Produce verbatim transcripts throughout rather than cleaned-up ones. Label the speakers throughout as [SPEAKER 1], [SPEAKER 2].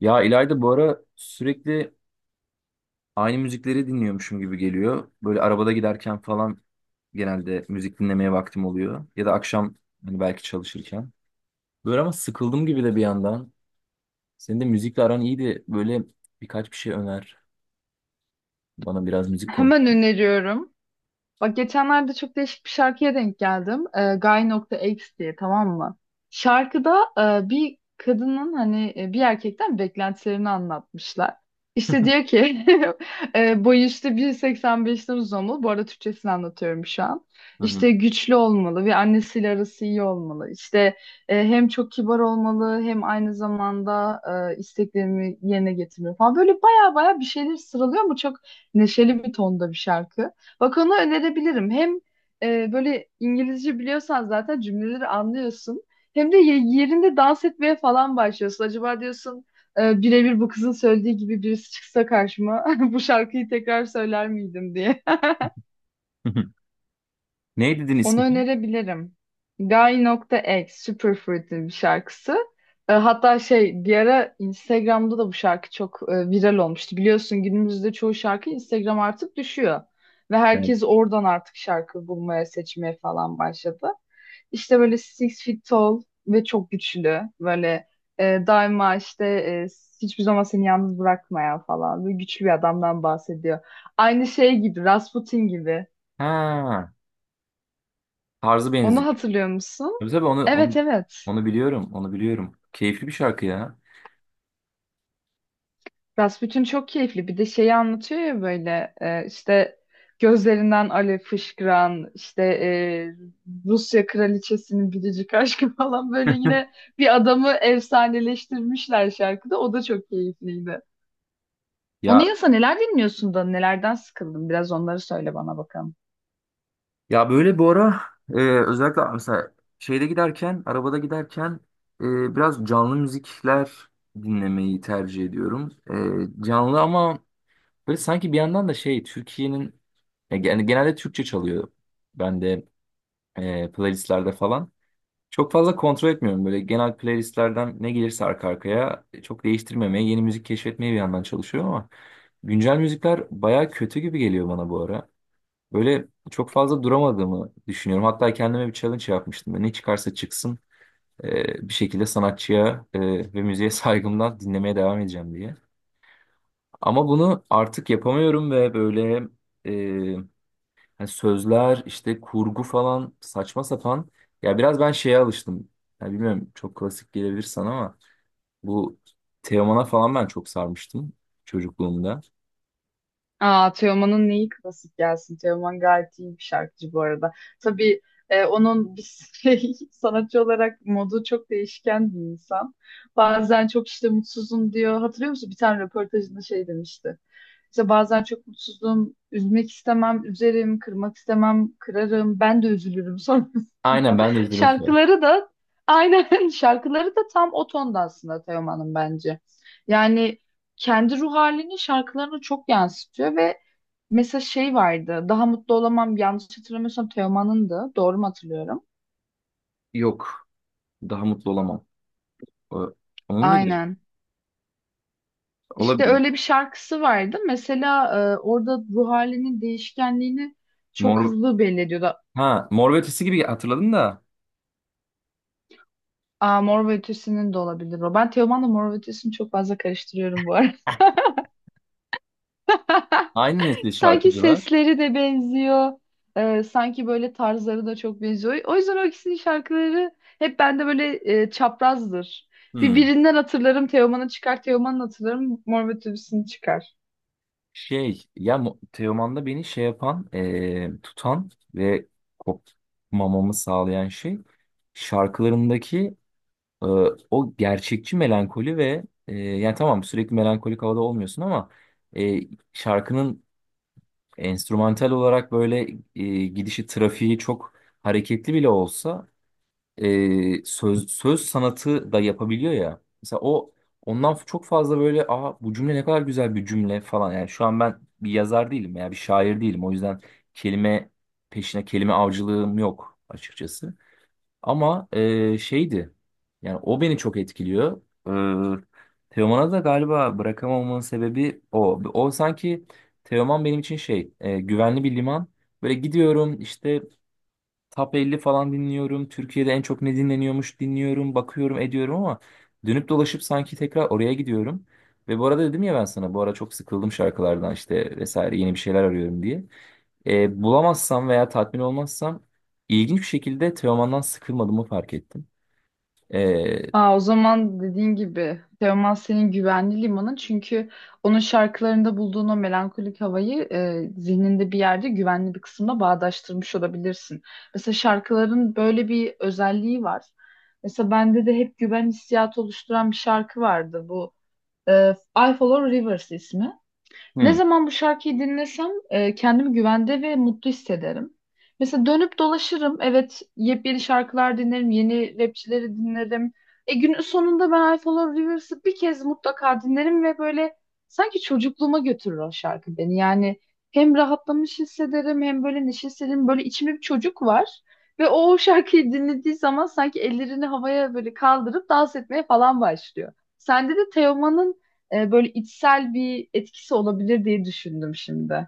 [SPEAKER 1] Ya İlayda bu ara sürekli aynı müzikleri dinliyormuşum gibi geliyor. Böyle arabada giderken falan genelde müzik dinlemeye vaktim oluyor. Ya da akşam hani belki çalışırken. Böyle ama sıkıldım gibi de bir yandan. Senin de müzikle aran iyiydi. Böyle birkaç bir şey öner. Bana biraz müzik konuş.
[SPEAKER 2] Hemen öneriyorum. Bak geçenlerde çok değişik bir şarkıya denk geldim. Ee, Guy.X diye, tamam mı? Şarkıda e, bir kadının hani e, bir erkekten beklentilerini anlatmışlar. İşte diyor ki e, boyu işte bir seksen beşten uzun olmalı. Bu arada Türkçesini anlatıyorum şu an.
[SPEAKER 1] Hı hı.
[SPEAKER 2] İşte güçlü olmalı ve annesiyle arası iyi olmalı. İşte e, hem çok kibar olmalı, hem aynı zamanda e, isteklerimi yerine getirmeli falan. Böyle baya baya bir şeyler sıralıyor ama çok neşeli bir tonda bir şarkı. Bak, onu önerebilirim. Hem e, böyle İngilizce biliyorsan zaten cümleleri anlıyorsun. Hem de ye- yerinde dans etmeye falan başlıyorsun. Acaba diyorsun, e, birebir bu kızın söylediği gibi birisi çıksa karşıma bu şarkıyı tekrar söyler miydim diye.
[SPEAKER 1] Ne dedin
[SPEAKER 2] Onu
[SPEAKER 1] ismi?
[SPEAKER 2] önerebilirim. Guy.X Superfruit'in bir şarkısı. E, Hatta şey, bir ara Instagram'da da bu şarkı çok e, viral olmuştu. Biliyorsun, günümüzde çoğu şarkı Instagram artık düşüyor. Ve
[SPEAKER 1] Evet.
[SPEAKER 2] herkes oradan artık şarkı bulmaya, seçmeye falan başladı. İşte böyle six feet tall ve çok güçlü. Böyle e, daima işte e, hiçbir zaman seni yalnız bırakmayan falan. Böyle güçlü bir adamdan bahsediyor. Aynı şey gibi, Rasputin gibi.
[SPEAKER 1] Ha, tarzı
[SPEAKER 2] Onu
[SPEAKER 1] benziyor.
[SPEAKER 2] hatırlıyor musun?
[SPEAKER 1] Tabii tabii onu,
[SPEAKER 2] Evet,
[SPEAKER 1] onu,
[SPEAKER 2] evet.
[SPEAKER 1] onu biliyorum. Onu biliyorum. Keyifli bir şarkı ya.
[SPEAKER 2] Rasputin çok keyifli. Bir de şeyi anlatıyor ya, böyle e, işte gözlerinden alev fışkıran, işte e, Rusya kraliçesinin biricik aşkı falan, böyle yine bir adamı efsaneleştirmişler şarkıda. O da çok keyifliydi. Onun
[SPEAKER 1] Ya
[SPEAKER 2] yanında neler dinliyorsun da nelerden sıkıldın? Biraz onları söyle bana bakalım.
[SPEAKER 1] Ya böyle bu ara, e, özellikle mesela şeyde giderken, arabada giderken, e, biraz canlı müzikler dinlemeyi tercih ediyorum. E, canlı ama böyle sanki bir yandan da şey, Türkiye'nin ya gen- genelde Türkçe çalıyor. Bende e, playlistlerde falan. Çok fazla kontrol etmiyorum. Böyle genel playlistlerden ne gelirse arka arkaya e, çok değiştirmemeye, yeni müzik keşfetmeye bir yandan çalışıyorum ama güncel müzikler baya kötü gibi geliyor bana bu ara. Böyle çok fazla duramadığımı düşünüyorum. Hatta kendime bir challenge yapmıştım. Ne çıkarsa çıksın e, bir şekilde sanatçıya e, ve müziğe saygımdan dinlemeye devam edeceğim diye. Ama bunu artık yapamıyorum ve böyle e, hani sözler işte kurgu falan saçma sapan. Ya biraz ben şeye alıştım. Ya bilmiyorum, çok klasik gelebilir sana ama bu Teoman'a falan ben çok sarmıştım çocukluğumda.
[SPEAKER 2] Aa, Teoman'ın neyi klasik gelsin? Teoman gayet iyi bir şarkıcı bu arada. Tabii, e, onun bir şey, sanatçı olarak modu çok değişken bir insan. Bazen çok işte mutsuzum diyor. Hatırlıyor musun? Bir tane röportajında şey demişti. İşte bazen çok mutsuzum, üzmek istemem, üzerim, kırmak istemem, kırarım. Ben de üzülürüm
[SPEAKER 1] Aynen
[SPEAKER 2] sonrasında.
[SPEAKER 1] ben de izledim.
[SPEAKER 2] Şarkıları da aynen, şarkıları da tam o tonda aslında Teoman'ın bence. Yani kendi ruh halini şarkılarına çok yansıtıyor ve mesela şey vardı. Daha mutlu olamam, yanlış hatırlamıyorsam Teoman'ındı. Doğru mu hatırlıyorum?
[SPEAKER 1] Yok, daha mutlu olamam. O- Onun muydu?
[SPEAKER 2] Aynen. İşte
[SPEAKER 1] Olabilir.
[SPEAKER 2] öyle bir şarkısı vardı. Mesela e, orada ruh halinin değişkenliğini çok
[SPEAKER 1] Mor,
[SPEAKER 2] hızlı belli ediyordu.
[SPEAKER 1] ha, Mor ve Ötesi gibi hatırladım da
[SPEAKER 2] Aa, Mor ve Ötesi'nin de olabilir o. Ben Teoman'la Mor ve Ötesi'ni çok fazla karıştırıyorum bu arada.
[SPEAKER 1] aynı nesil
[SPEAKER 2] Sanki
[SPEAKER 1] şarkıcılar.
[SPEAKER 2] sesleri de benziyor. Ee, sanki böyle tarzları da çok benziyor. O yüzden o ikisinin şarkıları hep bende böyle e, çaprazdır. Bir
[SPEAKER 1] Hmm.
[SPEAKER 2] birinden hatırlarım Teoman'ı çıkar, Teoman'ın hatırlarım Mor ve Ötesi'ni çıkar.
[SPEAKER 1] Şey ya Mo- Teoman'da beni şey yapan, eee, tutan ve kopmamamı sağlayan şey, şarkılarındaki eee, o gerçekçi melankoli ve eee, yani tamam sürekli melankolik havada olmuyorsun ama eee, şarkının enstrümantal olarak böyle eee, gidişi trafiği çok hareketli bile olsa e, söz söz sanatı da yapabiliyor ya. Mesela o ondan çok fazla böyle, aa, bu cümle ne kadar güzel bir cümle falan. Yani şu an ben bir yazar değilim ya, bir şair değilim. O yüzden kelime peşine kelime avcılığım yok açıkçası. Ama e, şeydi, yani o beni çok etkiliyor. E, Teoman'a da galiba bırakamamamın sebebi o. O sanki Teoman benim için şey, e, güvenli bir liman. Böyle gidiyorum işte, Top elli falan dinliyorum. Türkiye'de en çok ne dinleniyormuş dinliyorum, bakıyorum, ediyorum ama dönüp dolaşıp sanki tekrar oraya gidiyorum. Ve bu arada dedim ya, ben sana bu ara çok sıkıldım şarkılardan işte vesaire, yeni bir şeyler arıyorum diye. E, bulamazsam veya tatmin olmazsam, ilginç bir şekilde Teoman'dan sıkılmadığımı fark ettim. E,
[SPEAKER 2] Aa, o zaman dediğin gibi Teoman senin güvenli limanın, çünkü onun şarkılarında bulduğun o melankolik havayı e, zihninde bir yerde güvenli bir kısımda bağdaştırmış olabilirsin. Mesela şarkıların böyle bir özelliği var. Mesela bende de hep güven hissiyatı oluşturan bir şarkı vardı bu. E, I Follow Rivers ismi. Ne
[SPEAKER 1] hmm,
[SPEAKER 2] zaman bu şarkıyı dinlesem e, kendimi güvende ve mutlu hissederim. Mesela dönüp dolaşırım. Evet, yepyeni şarkılar dinlerim, yeni rapçileri dinlerim. E, günün sonunda ben I Follow Rivers'ı bir kez mutlaka dinlerim ve böyle sanki çocukluğuma götürür o şarkı beni. Yani hem rahatlamış hissederim, hem böyle neşe hissederim. Böyle içimde bir çocuk var ve o, o şarkıyı dinlediği zaman sanki ellerini havaya böyle kaldırıp dans etmeye falan başlıyor. Sende de Teoman'ın e, böyle içsel bir etkisi olabilir diye düşündüm şimdi.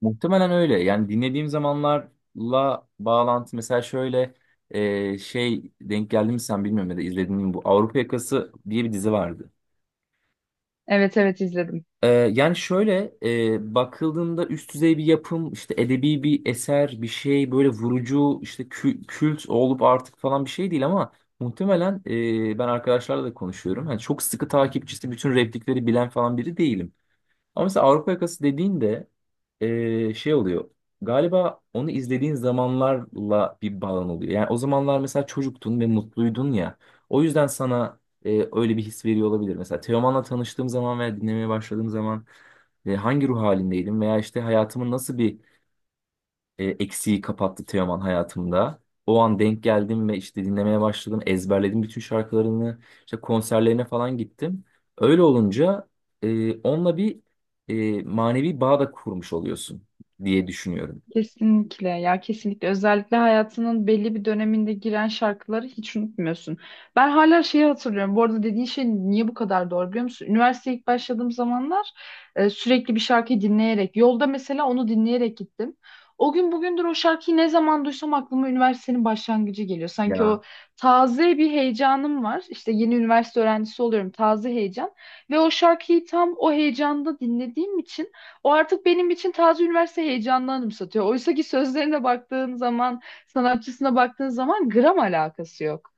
[SPEAKER 1] Muhtemelen öyle. Yani dinlediğim zamanlarla bağlantı, mesela şöyle e, şey, denk geldi mi sen bilmiyorum, ya da izledin mi, bu Avrupa Yakası diye bir dizi vardı.
[SPEAKER 2] Evet, evet, izledim.
[SPEAKER 1] Ee, yani şöyle e, bakıldığında üst düzey bir yapım, işte edebi bir eser, bir şey böyle vurucu işte kü- kült olup artık falan bir şey değil ama muhtemelen e, ben arkadaşlarla da konuşuyorum. Yani çok sıkı takipçisi bütün replikleri bilen falan biri değilim. Ama mesela Avrupa Yakası dediğinde eee, şey oluyor. Galiba onu izlediğin zamanlarla bir bağın oluyor. Yani o zamanlar mesela çocuktun ve mutluydun ya. O yüzden sana eee, öyle bir his veriyor olabilir. Mesela Teoman'la tanıştığım zaman veya dinlemeye başladığım zaman e, hangi ruh halindeydim, veya işte hayatımın nasıl bir e, eksiği kapattı Teoman hayatımda. O an denk geldim ve işte dinlemeye başladım. Ezberledim bütün şarkılarını. İşte konserlerine falan gittim. Öyle olunca e, onunla bir e, manevi bağ da kurmuş oluyorsun diye düşünüyorum.
[SPEAKER 2] Kesinlikle ya, kesinlikle, özellikle hayatının belli bir döneminde giren şarkıları hiç unutmuyorsun. Ben hala şeyi hatırlıyorum. Bu arada dediğin şey niye bu kadar doğru biliyor musun? Üniversiteye ilk başladığım zamanlar e, sürekli bir şarkıyı dinleyerek yolda, mesela onu dinleyerek gittim. O gün bugündür o şarkıyı ne zaman duysam aklıma üniversitenin başlangıcı geliyor. Sanki
[SPEAKER 1] Ya.
[SPEAKER 2] o taze bir heyecanım var. İşte yeni üniversite öğrencisi oluyorum, taze heyecan ve o şarkıyı tam o heyecanda dinlediğim için o artık benim için taze üniversite heyecanını anımsatıyor. Oysa ki sözlerine baktığın zaman, sanatçısına baktığın zaman gram alakası yok.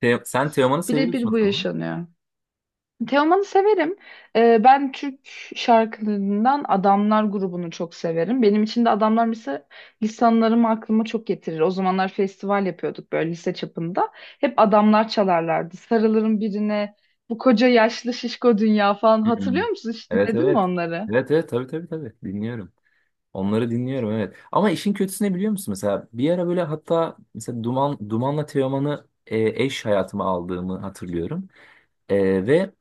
[SPEAKER 1] Te- sen Teoman'ı seviyorsun
[SPEAKER 2] Birebir
[SPEAKER 1] o
[SPEAKER 2] bu
[SPEAKER 1] zaman.
[SPEAKER 2] yaşanıyor. Teoman'ı severim. Ee, ben Türk şarkılarından Adamlar grubunu çok severim. Benim için de Adamlar mesela lisanlarımı aklıma çok getirir. O zamanlar festival yapıyorduk böyle lise çapında. Hep Adamlar çalarlardı. Sarılırım birine, bu koca yaşlı şişko dünya falan.
[SPEAKER 1] Hmm.
[SPEAKER 2] Hatırlıyor musun? Hiç
[SPEAKER 1] Evet
[SPEAKER 2] dinledin mi
[SPEAKER 1] evet.
[SPEAKER 2] onları?
[SPEAKER 1] Evet evet, tabii tabii tabii dinliyorum. Onları dinliyorum, evet. Ama işin kötüsü ne biliyor musun? Mesela bir ara böyle, hatta mesela Duman Duman'la Teoman'ı e, eş hayatıma aldığımı hatırlıyorum. Ee, ve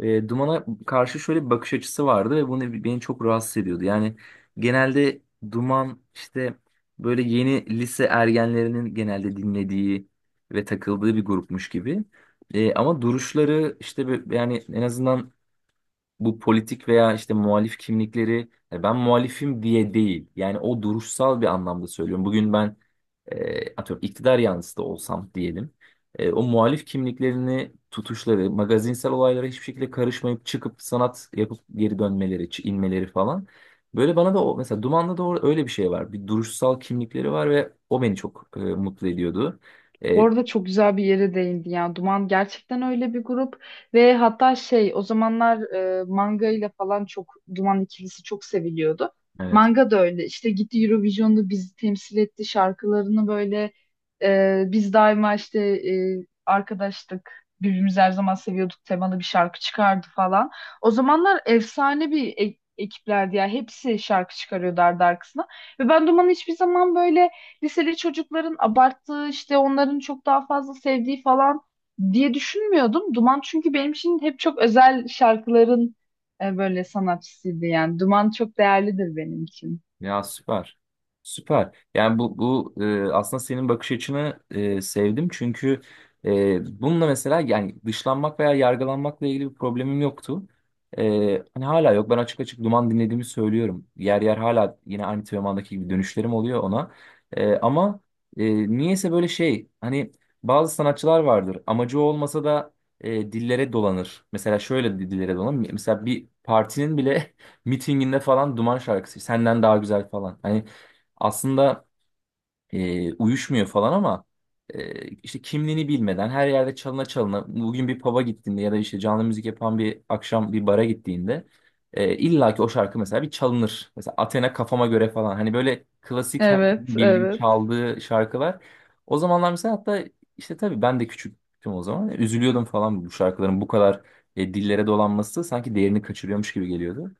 [SPEAKER 1] e, dumana karşı şöyle bir bakış açısı vardı ve bunu beni çok rahatsız ediyordu. Yani genelde duman işte böyle yeni lise ergenlerinin genelde dinlediği ve takıldığı bir grupmuş gibi. Ee, ama duruşları işte bö- yani en azından bu politik veya işte muhalif kimlikleri, yani ben muhalifim diye değil. Yani o duruşsal bir anlamda söylüyorum. Bugün ben e, atıyorum iktidar yanlısı da olsam diyelim. E, o muhalif kimliklerini tutuşları, magazinsel olaylara hiçbir şekilde karışmayıp çıkıp sanat yapıp geri dönmeleri, ç- inmeleri falan. Böyle bana da o, mesela Duman'da da o- öyle bir şey var. Bir duruşsal kimlikleri var ve o beni çok e, mutlu ediyordu.
[SPEAKER 2] Bu
[SPEAKER 1] E,
[SPEAKER 2] arada çok güzel bir yere değindi ya. Duman gerçekten öyle bir grup ve hatta şey, o zamanlar e, manga ile falan çok Duman ikilisi çok seviliyordu.
[SPEAKER 1] evet.
[SPEAKER 2] Manga da öyle, işte gitti Eurovision'da bizi temsil etti, şarkılarını böyle e, biz daima işte e, arkadaştık, birbirimizi her zaman seviyorduk temalı bir şarkı çıkardı falan. O zamanlar efsane bir e- ekiplerdi ya, hepsi şarkı çıkarıyordu ardı arkasına ve ben Duman'ı hiçbir zaman böyle liseli çocukların abarttığı, işte onların çok daha fazla sevdiği falan diye düşünmüyordum. Duman çünkü benim için hep çok özel şarkıların e, böyle sanatçısıydı yani. Duman çok değerlidir benim için.
[SPEAKER 1] Ya süper. Süper. Yani bu bu e, aslında senin bakış açını e, sevdim çünkü e, bununla mesela, yani dışlanmak veya yargılanmakla ilgili bir problemim yoktu. E, hani hala yok. Ben açık açık duman dinlediğimi söylüyorum. Yer yer hala yine aynı Teoman'daki gibi dönüşlerim oluyor ona. E, ama e, niyeyse böyle şey, hani bazı sanatçılar vardır. Amacı olmasa da e, dillere dolanır. Mesela şöyle dillere dolanır. Mesela bir partinin bile mitinginde falan Duman şarkısı senden daha güzel falan. Hani aslında e, uyuşmuyor falan ama e, işte kimliğini bilmeden her yerde çalına çalına, bugün bir pub'a gittiğinde ya da işte canlı müzik yapan bir akşam bir bara gittiğinde e, illa ki o şarkı mesela bir çalınır. Mesela Athena kafama göre falan. Hani böyle klasik herkesin
[SPEAKER 2] Evet,
[SPEAKER 1] bildiği
[SPEAKER 2] evet.
[SPEAKER 1] çaldığı şarkılar. O zamanlar mesela, hatta işte tabii ben de küçüktüm o zaman. Üzülüyordum falan, bu şarkıların bu kadar e, dillere dolanması sanki değerini kaçırıyormuş gibi geliyordu.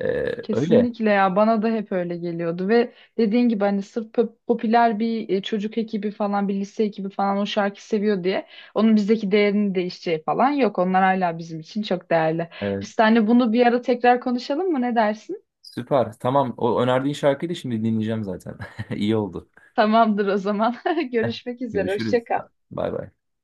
[SPEAKER 1] Ee, öyle.
[SPEAKER 2] Kesinlikle ya, bana da hep öyle geliyordu ve dediğin gibi hani sırf pop- popüler bir e, çocuk ekibi falan, bir lise ekibi falan o şarkı seviyor diye onun bizdeki değerini değişeceği falan yok. Onlar hala bizim için çok değerli.
[SPEAKER 1] Evet.
[SPEAKER 2] Biz seninle bunu bir ara tekrar konuşalım mı? Ne dersin?
[SPEAKER 1] Süper. Tamam. O önerdiğin şarkıyı da şimdi dinleyeceğim zaten. İyi oldu.
[SPEAKER 2] Tamamdır o zaman. Görüşmek üzere.
[SPEAKER 1] Görüşürüz.
[SPEAKER 2] Hoşça kal.
[SPEAKER 1] Bay bay.